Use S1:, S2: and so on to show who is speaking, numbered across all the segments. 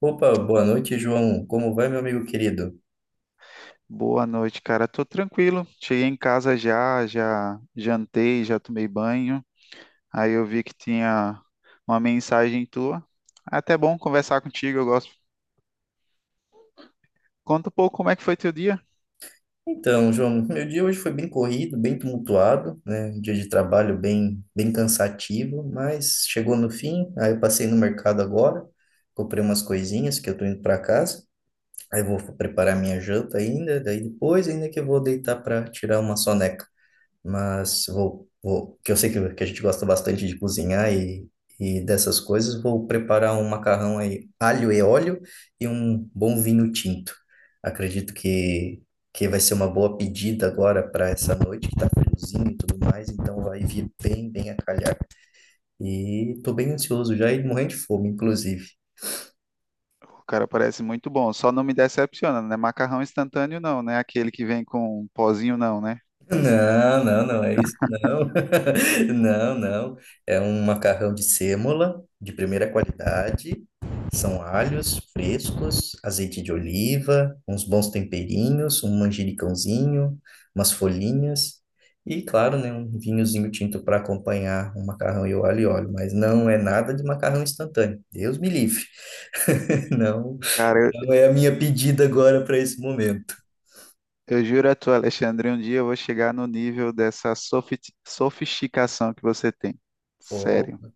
S1: Opa, boa noite, João. Como vai, meu amigo querido?
S2: Boa noite, cara. Tô tranquilo. Cheguei em casa já, já jantei, já tomei banho. Aí eu vi que tinha uma mensagem tua. É até bom conversar contigo, eu gosto. Conta um pouco como é que foi teu dia.
S1: Então, João, meu dia hoje foi bem corrido, bem tumultuado, né? Um dia de trabalho bem cansativo, mas chegou no fim. Aí eu passei no mercado agora, comprei umas coisinhas que eu tô indo para casa. Aí eu vou preparar minha janta ainda, daí depois ainda que eu vou deitar para tirar uma soneca. Mas vou que eu sei que a gente gosta bastante de cozinhar e dessas coisas, vou preparar um macarrão aí, alho e óleo e um bom vinho tinto. Acredito que vai ser uma boa pedida agora para essa noite, que tá friozinho e tudo mais, então vai vir bem a calhar. E tô bem ansioso já e morrendo de fome, inclusive.
S2: O cara parece muito bom. Só não me decepciona, né? Macarrão instantâneo não, né? Aquele que vem com um pozinho não, né?
S1: Não, não, não é isso, não. Não, não. É um macarrão de sêmola, de primeira qualidade. São alhos frescos, azeite de oliva, uns bons temperinhos, um manjericãozinho, umas folhinhas e, claro, né, um vinhozinho tinto para acompanhar o macarrão e o alho e óleo. Mas não é nada de macarrão instantâneo. Deus me livre. Não,
S2: Cara,
S1: não é a minha pedida agora para esse momento.
S2: eu juro a tu, Alexandre, um dia eu vou chegar no nível dessa sofisticação que você tem. Sério,
S1: Opa.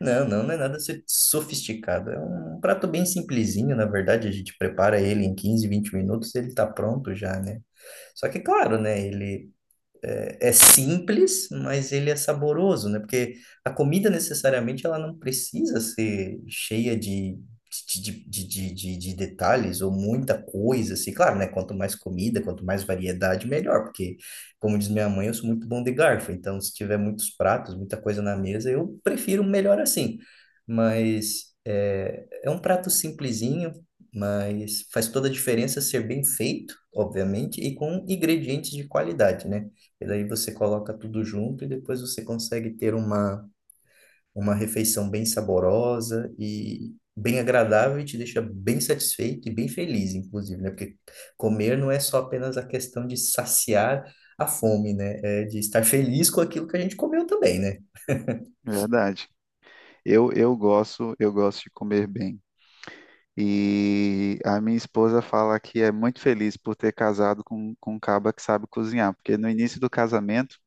S1: Não, não, não é nada sofisticado. É um prato bem simplesinho, na verdade. A gente prepara ele em 15 20 minutos, ele tá pronto já, né? Só que, claro, né? Ele é simples, mas ele é saboroso, né? Porque a comida necessariamente ela não precisa ser cheia de detalhes ou muita coisa, assim. Claro, né? Quanto mais comida, quanto mais variedade, melhor. Porque, como diz minha mãe, eu sou muito bom de garfo. Então, se tiver muitos pratos, muita coisa na mesa, eu prefiro melhor assim. Mas é um prato simplesinho. Mas faz toda a diferença ser bem feito, obviamente, e com ingredientes de qualidade, né? E daí você coloca tudo junto e depois você consegue ter uma refeição bem saborosa e bem agradável e te deixa bem satisfeito e bem feliz, inclusive, né? Porque comer não é só apenas a questão de saciar a fome, né? É de estar feliz com aquilo que a gente comeu também, né?
S2: verdade. Eu gosto de comer bem. E a minha esposa fala que é muito feliz por ter casado com um caba que sabe cozinhar, porque no início do casamento,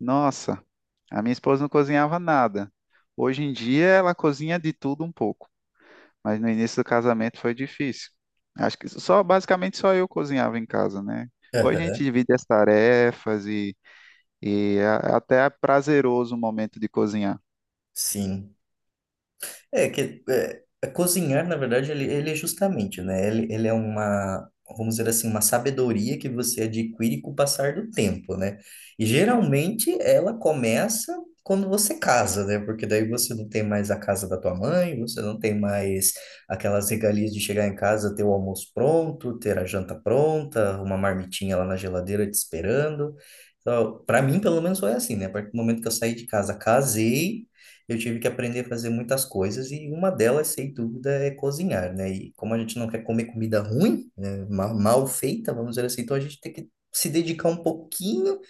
S2: nossa, a minha esposa não cozinhava nada. Hoje em dia ela cozinha de tudo um pouco, mas no início do casamento foi difícil. Acho que só, basicamente só eu cozinhava em casa, né? Hoje a gente
S1: Aham.
S2: divide as tarefas e até é prazeroso o momento de cozinhar.
S1: Sim. É que é, a cozinhar, na verdade, ele é justamente, né? Ele é uma, vamos dizer assim, uma sabedoria que você adquire com o passar do tempo, né? E geralmente ela começa quando você casa, né? Porque daí você não tem mais a casa da tua mãe, você não tem mais aquelas regalias de chegar em casa, ter o almoço pronto, ter a janta pronta, uma marmitinha lá na geladeira te esperando. Então, para mim, pelo menos, foi assim, né? A partir do momento que eu saí de casa, casei, eu tive que aprender a fazer muitas coisas e uma delas, sem dúvida, é cozinhar, né? E como a gente não quer comer comida ruim, né, mal feita, vamos dizer assim, então a gente tem que se dedicar um pouquinho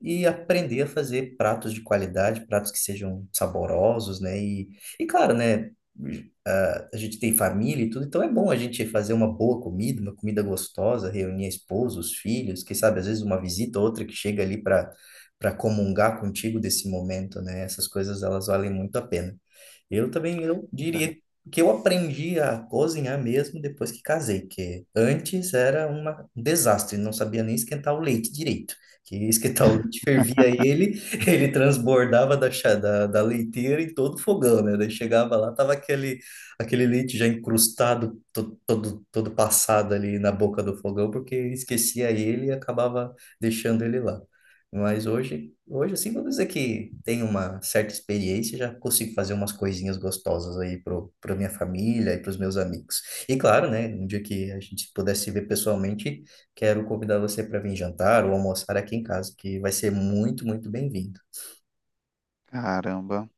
S1: e aprender a fazer pratos de qualidade, pratos que sejam saborosos, né? E, claro, né? Agora a gente tem família e tudo, então é bom a gente fazer uma boa comida, uma comida gostosa, reunir a esposa, os filhos, quem sabe às vezes uma visita ou outra que chega ali para comungar contigo desse momento, né? Essas coisas elas valem muito a pena. Eu também eu diria que eu aprendi a cozinhar mesmo depois que casei, que antes era um desastre, não sabia nem esquentar o leite direito. Que esquentar o leite, fervia ele, ele transbordava da leiteira em todo o fogão, né? Daí chegava lá, tava aquele leite já encrustado todo passado ali na boca do fogão, porque esquecia ele e acabava deixando ele lá. Mas hoje assim, vou dizer que tenho uma certa experiência, já consigo fazer umas coisinhas gostosas aí pra minha família e pros meus amigos. E claro, né, um dia que a gente puder se ver pessoalmente, quero convidar você para vir jantar ou almoçar aqui em casa, que vai ser muito, muito bem-vindo.
S2: Caramba.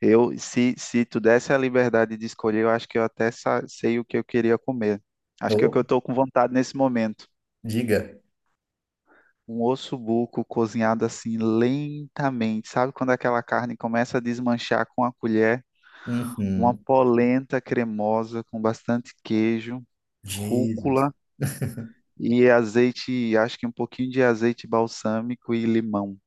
S2: Eu, se tu desse a liberdade de escolher, eu acho que eu até sei o que eu queria comer. Acho que é o que eu
S1: Ô,
S2: estou com vontade nesse momento.
S1: diga.
S2: Um osso buco cozinhado assim lentamente. Sabe quando aquela carne começa a desmanchar com a colher? Uma
S1: Uhum.
S2: polenta cremosa com bastante queijo,
S1: Jesus.
S2: rúcula e azeite, acho que um pouquinho de azeite balsâmico e limão.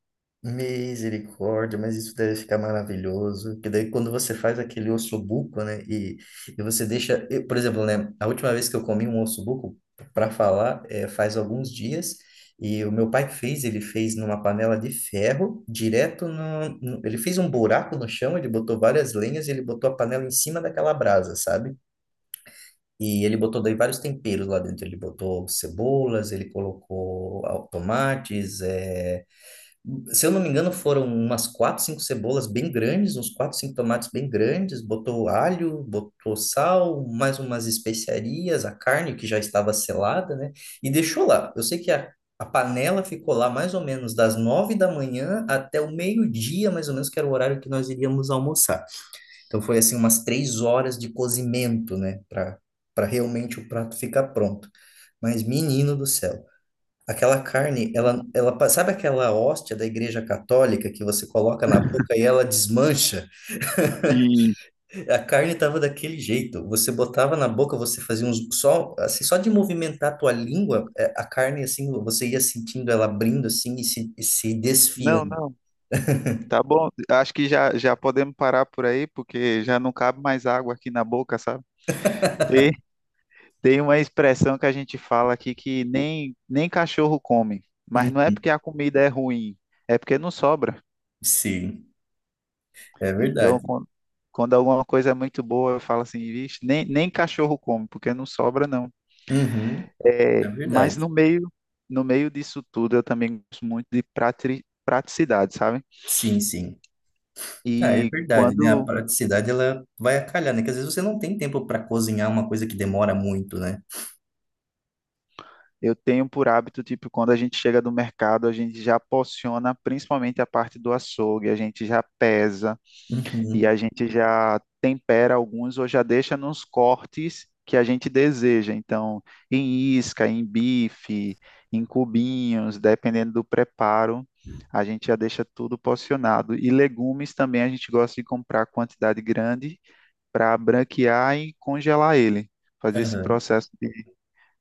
S1: Misericórdia, mas isso deve ficar maravilhoso. Que daí quando você faz aquele ossobuco, né? E, você deixa, eu, por exemplo, né? A última vez que eu comi um ossobuco, para falar, faz alguns dias. E o meu pai fez, ele fez numa panela de ferro, direto ele fez um buraco no chão, ele botou várias lenhas, e ele botou a panela em cima daquela brasa, sabe? E ele botou daí vários temperos lá dentro. Ele botou cebolas, ele colocou tomates, se eu não me engano, foram umas quatro, cinco cebolas bem grandes, uns quatro, cinco tomates bem grandes, botou alho, botou sal, mais umas especiarias, a carne que já estava selada, né? E deixou lá. Eu sei que a panela ficou lá mais ou menos das 9 da manhã até o meio-dia, mais ou menos, que era o horário que nós iríamos almoçar. Então foi assim umas 3 horas de cozimento, né? Para realmente o prato ficar pronto. Mas menino do céu. Aquela carne, sabe aquela hóstia da Igreja Católica que você coloca na boca e ela desmancha?
S2: Sim.
S1: A carne estava daquele jeito. Você botava na boca, você fazia uns só assim, só de movimentar a tua língua, a carne assim, você ia sentindo ela abrindo assim e se
S2: Não,
S1: desfiando.
S2: não. Tá bom. Acho que já podemos parar por aí, porque já não cabe mais água aqui na boca, sabe? Tem, tem uma expressão que a gente fala aqui que nem, nem cachorro come, mas não é porque
S1: Uhum.
S2: a comida é ruim, é porque não sobra.
S1: Sim, é verdade.
S2: Então, quando alguma coisa é muito boa, eu falo assim, vixe, nem, nem cachorro come, porque não sobra, não.
S1: Uhum,
S2: É,
S1: é
S2: mas no
S1: verdade.
S2: meio, no meio disso tudo, eu também gosto muito de praticidade, sabe?
S1: Sim, sim. Ah, é
S2: E
S1: verdade, né? A
S2: quando
S1: praticidade ela vai acalhar, né? Que às vezes você não tem tempo para cozinhar uma coisa que demora muito, né?
S2: eu tenho por hábito, tipo, quando a gente chega do mercado, a gente já porciona principalmente a parte do açougue, a gente já pesa. E
S1: Uhum.
S2: a gente já tempera alguns ou já deixa nos cortes que a gente deseja. Então, em isca, em bife, em cubinhos, dependendo do preparo, a gente já deixa tudo porcionado. E legumes também a gente gosta de comprar quantidade grande para branquear e congelar ele, fazer esse
S1: Aham.
S2: processo,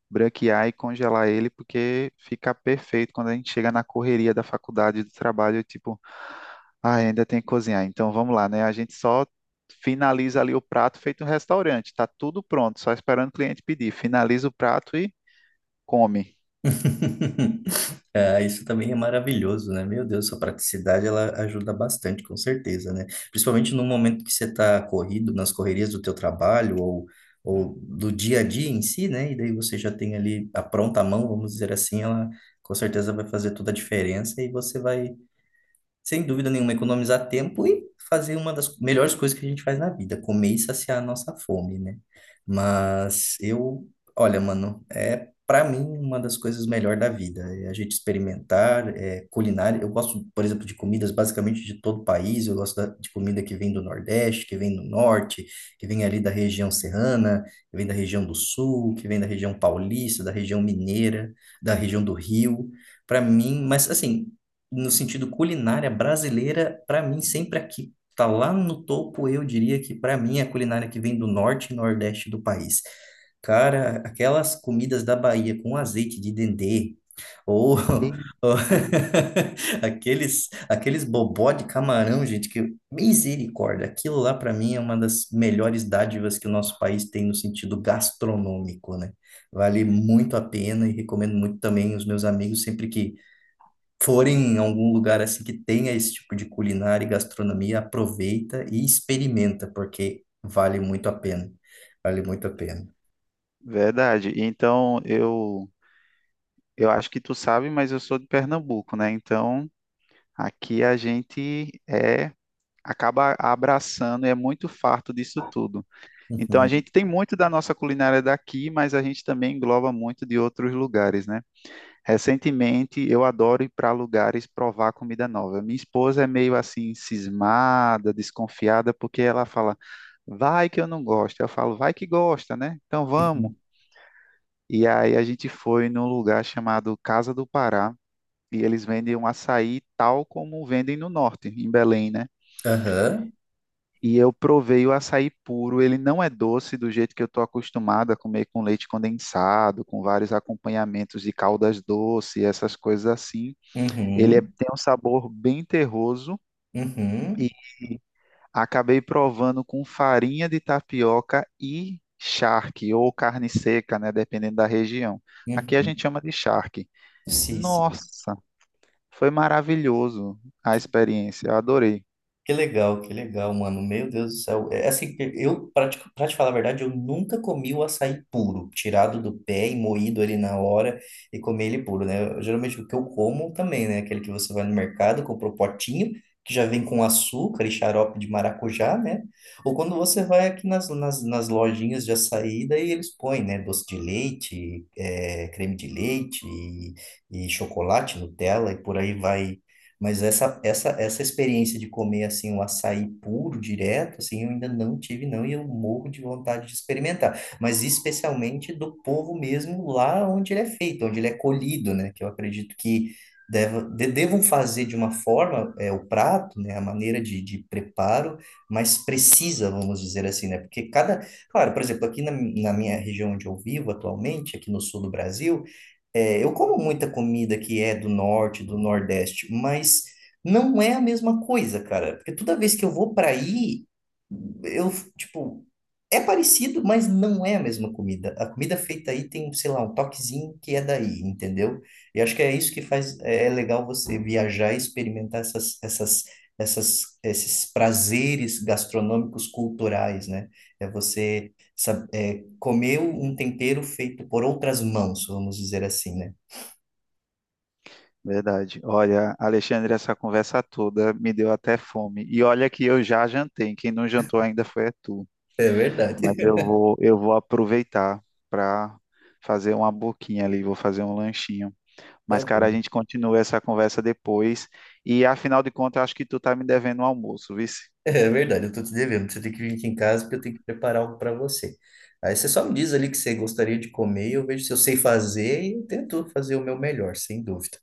S2: branquear e congelar ele, porque fica perfeito quando a gente chega na correria da faculdade, do trabalho, tipo, ai, ainda tem que cozinhar. Então vamos lá, né? A gente só finaliza ali o prato feito um restaurante, tá tudo pronto, só esperando o cliente pedir. Finaliza o prato e come.
S1: Ah, isso também é maravilhoso, né? Meu Deus, sua praticidade ela ajuda bastante, com certeza, né? Principalmente no momento que você está corrido, nas correrias do teu trabalho ou do dia a dia em si, né? E daí você já tem ali a pronta mão, vamos dizer assim, ela com certeza vai fazer toda a diferença e você vai, sem dúvida nenhuma, economizar tempo e fazer uma das melhores coisas que a gente faz na vida, comer e saciar a nossa fome, né? Mas eu, olha, mano, é para mim uma das coisas melhores da vida, é a gente experimentar, culinária. Eu gosto, por exemplo, de comidas basicamente de todo o país, eu gosto de comida que vem do Nordeste, que vem do Norte, que vem ali da região serrana, que vem da região do Sul, que vem da região paulista, da região mineira, da região do Rio. Para mim, mas assim, no sentido culinária brasileira, para mim, sempre aqui. Tá lá no topo, eu diria que para mim é a culinária que vem do norte e nordeste do país. Cara, aquelas comidas da Bahia com azeite de dendê, ou, ou
S2: Eita,
S1: aqueles bobó de camarão, gente, que misericórdia. Aquilo lá, para mim, é uma das melhores dádivas que o nosso país tem no sentido gastronômico, né? Vale muito a pena e recomendo muito também os meus amigos sempre que forem em algum lugar assim que tenha esse tipo de culinária e gastronomia, aproveita e experimenta, porque vale muito a pena. Vale muito a pena.
S2: verdade. Então eu acho que tu sabe, mas eu sou de Pernambuco, né? Então aqui a gente é acaba abraçando, e é muito farto disso tudo. Então a
S1: Uhum.
S2: gente tem muito da nossa culinária daqui, mas a gente também engloba muito de outros lugares, né? Recentemente eu adoro ir para lugares provar comida nova. Minha esposa é meio assim cismada, desconfiada, porque ela fala: "Vai que eu não gosto". Eu falo: "Vai que gosta, né? Então vamos".
S1: Uhum.
S2: E aí a gente foi num lugar chamado Casa do Pará. E eles vendem um açaí tal como vendem no norte, em Belém, né?
S1: Aham.
S2: E eu provei o açaí puro. Ele não é doce do jeito que eu estou acostumado a comer com leite condensado, com vários acompanhamentos de caldas doce, essas coisas assim.
S1: Uhum.
S2: Tem um sabor bem terroso e
S1: Uhum.
S2: acabei provando com farinha de tapioca e charque, ou carne seca, né? Dependendo da região. Aqui a gente
S1: Uhum.
S2: chama de charque.
S1: Sim, sim.
S2: Nossa, foi maravilhoso a experiência. Eu adorei.
S1: Que legal, mano. Meu Deus do céu. É assim, eu, pra te falar a verdade, eu nunca comi o açaí puro, tirado do pé e moído ali na hora e comer ele puro, né? Eu, geralmente o que eu como também, né? Aquele que você vai no mercado, compra o potinho, que já vem com açúcar e xarope de maracujá, né? Ou quando você vai aqui nas lojinhas de açaí, daí eles põem, né? Doce de leite, creme de leite e chocolate, Nutella e por aí vai. Mas essa experiência de comer assim um açaí puro, direto, assim, eu ainda não tive, não, e eu morro de vontade de experimentar. Mas especialmente do povo mesmo lá onde ele é feito, onde ele é colhido, né? Que eu acredito que devam fazer de uma forma, o prato, né? A maneira de preparo mais precisa, vamos dizer assim, né? Porque cada. Claro, por exemplo, aqui na minha região onde eu vivo atualmente, aqui no sul do Brasil, eu como muita comida que é do norte, do nordeste, mas não é a mesma coisa, cara. Porque toda vez que eu vou para aí, eu, tipo, é parecido, mas não é a mesma comida. A comida feita aí tem, sei lá, um toquezinho que é daí, entendeu? E acho que é isso que faz, é legal você viajar e experimentar esses prazeres gastronômicos culturais, né? É você saber comeu um tempero feito por outras mãos, vamos dizer assim, né?
S2: Verdade. Olha, Alexandre, essa conversa toda me deu até fome. E olha que eu já jantei. Quem não jantou ainda foi é tu.
S1: É verdade.
S2: Mas eu vou, eu vou aproveitar para fazer uma boquinha ali, vou fazer um lanchinho.
S1: Tá
S2: Mas, cara,
S1: bom.
S2: a gente continua essa conversa depois. E afinal de contas, acho que tu tá me devendo um almoço, vice.
S1: É verdade, eu tô te devendo. Você tem que vir aqui em casa porque eu tenho que preparar algo para você. Aí você só me diz ali o que você gostaria de comer, eu vejo se eu sei fazer e eu tento fazer o meu melhor, sem dúvida.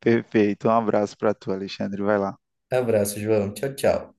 S2: Perfeito. Um abraço para tu, Alexandre. Vai lá.
S1: Abraço, João. Tchau, tchau.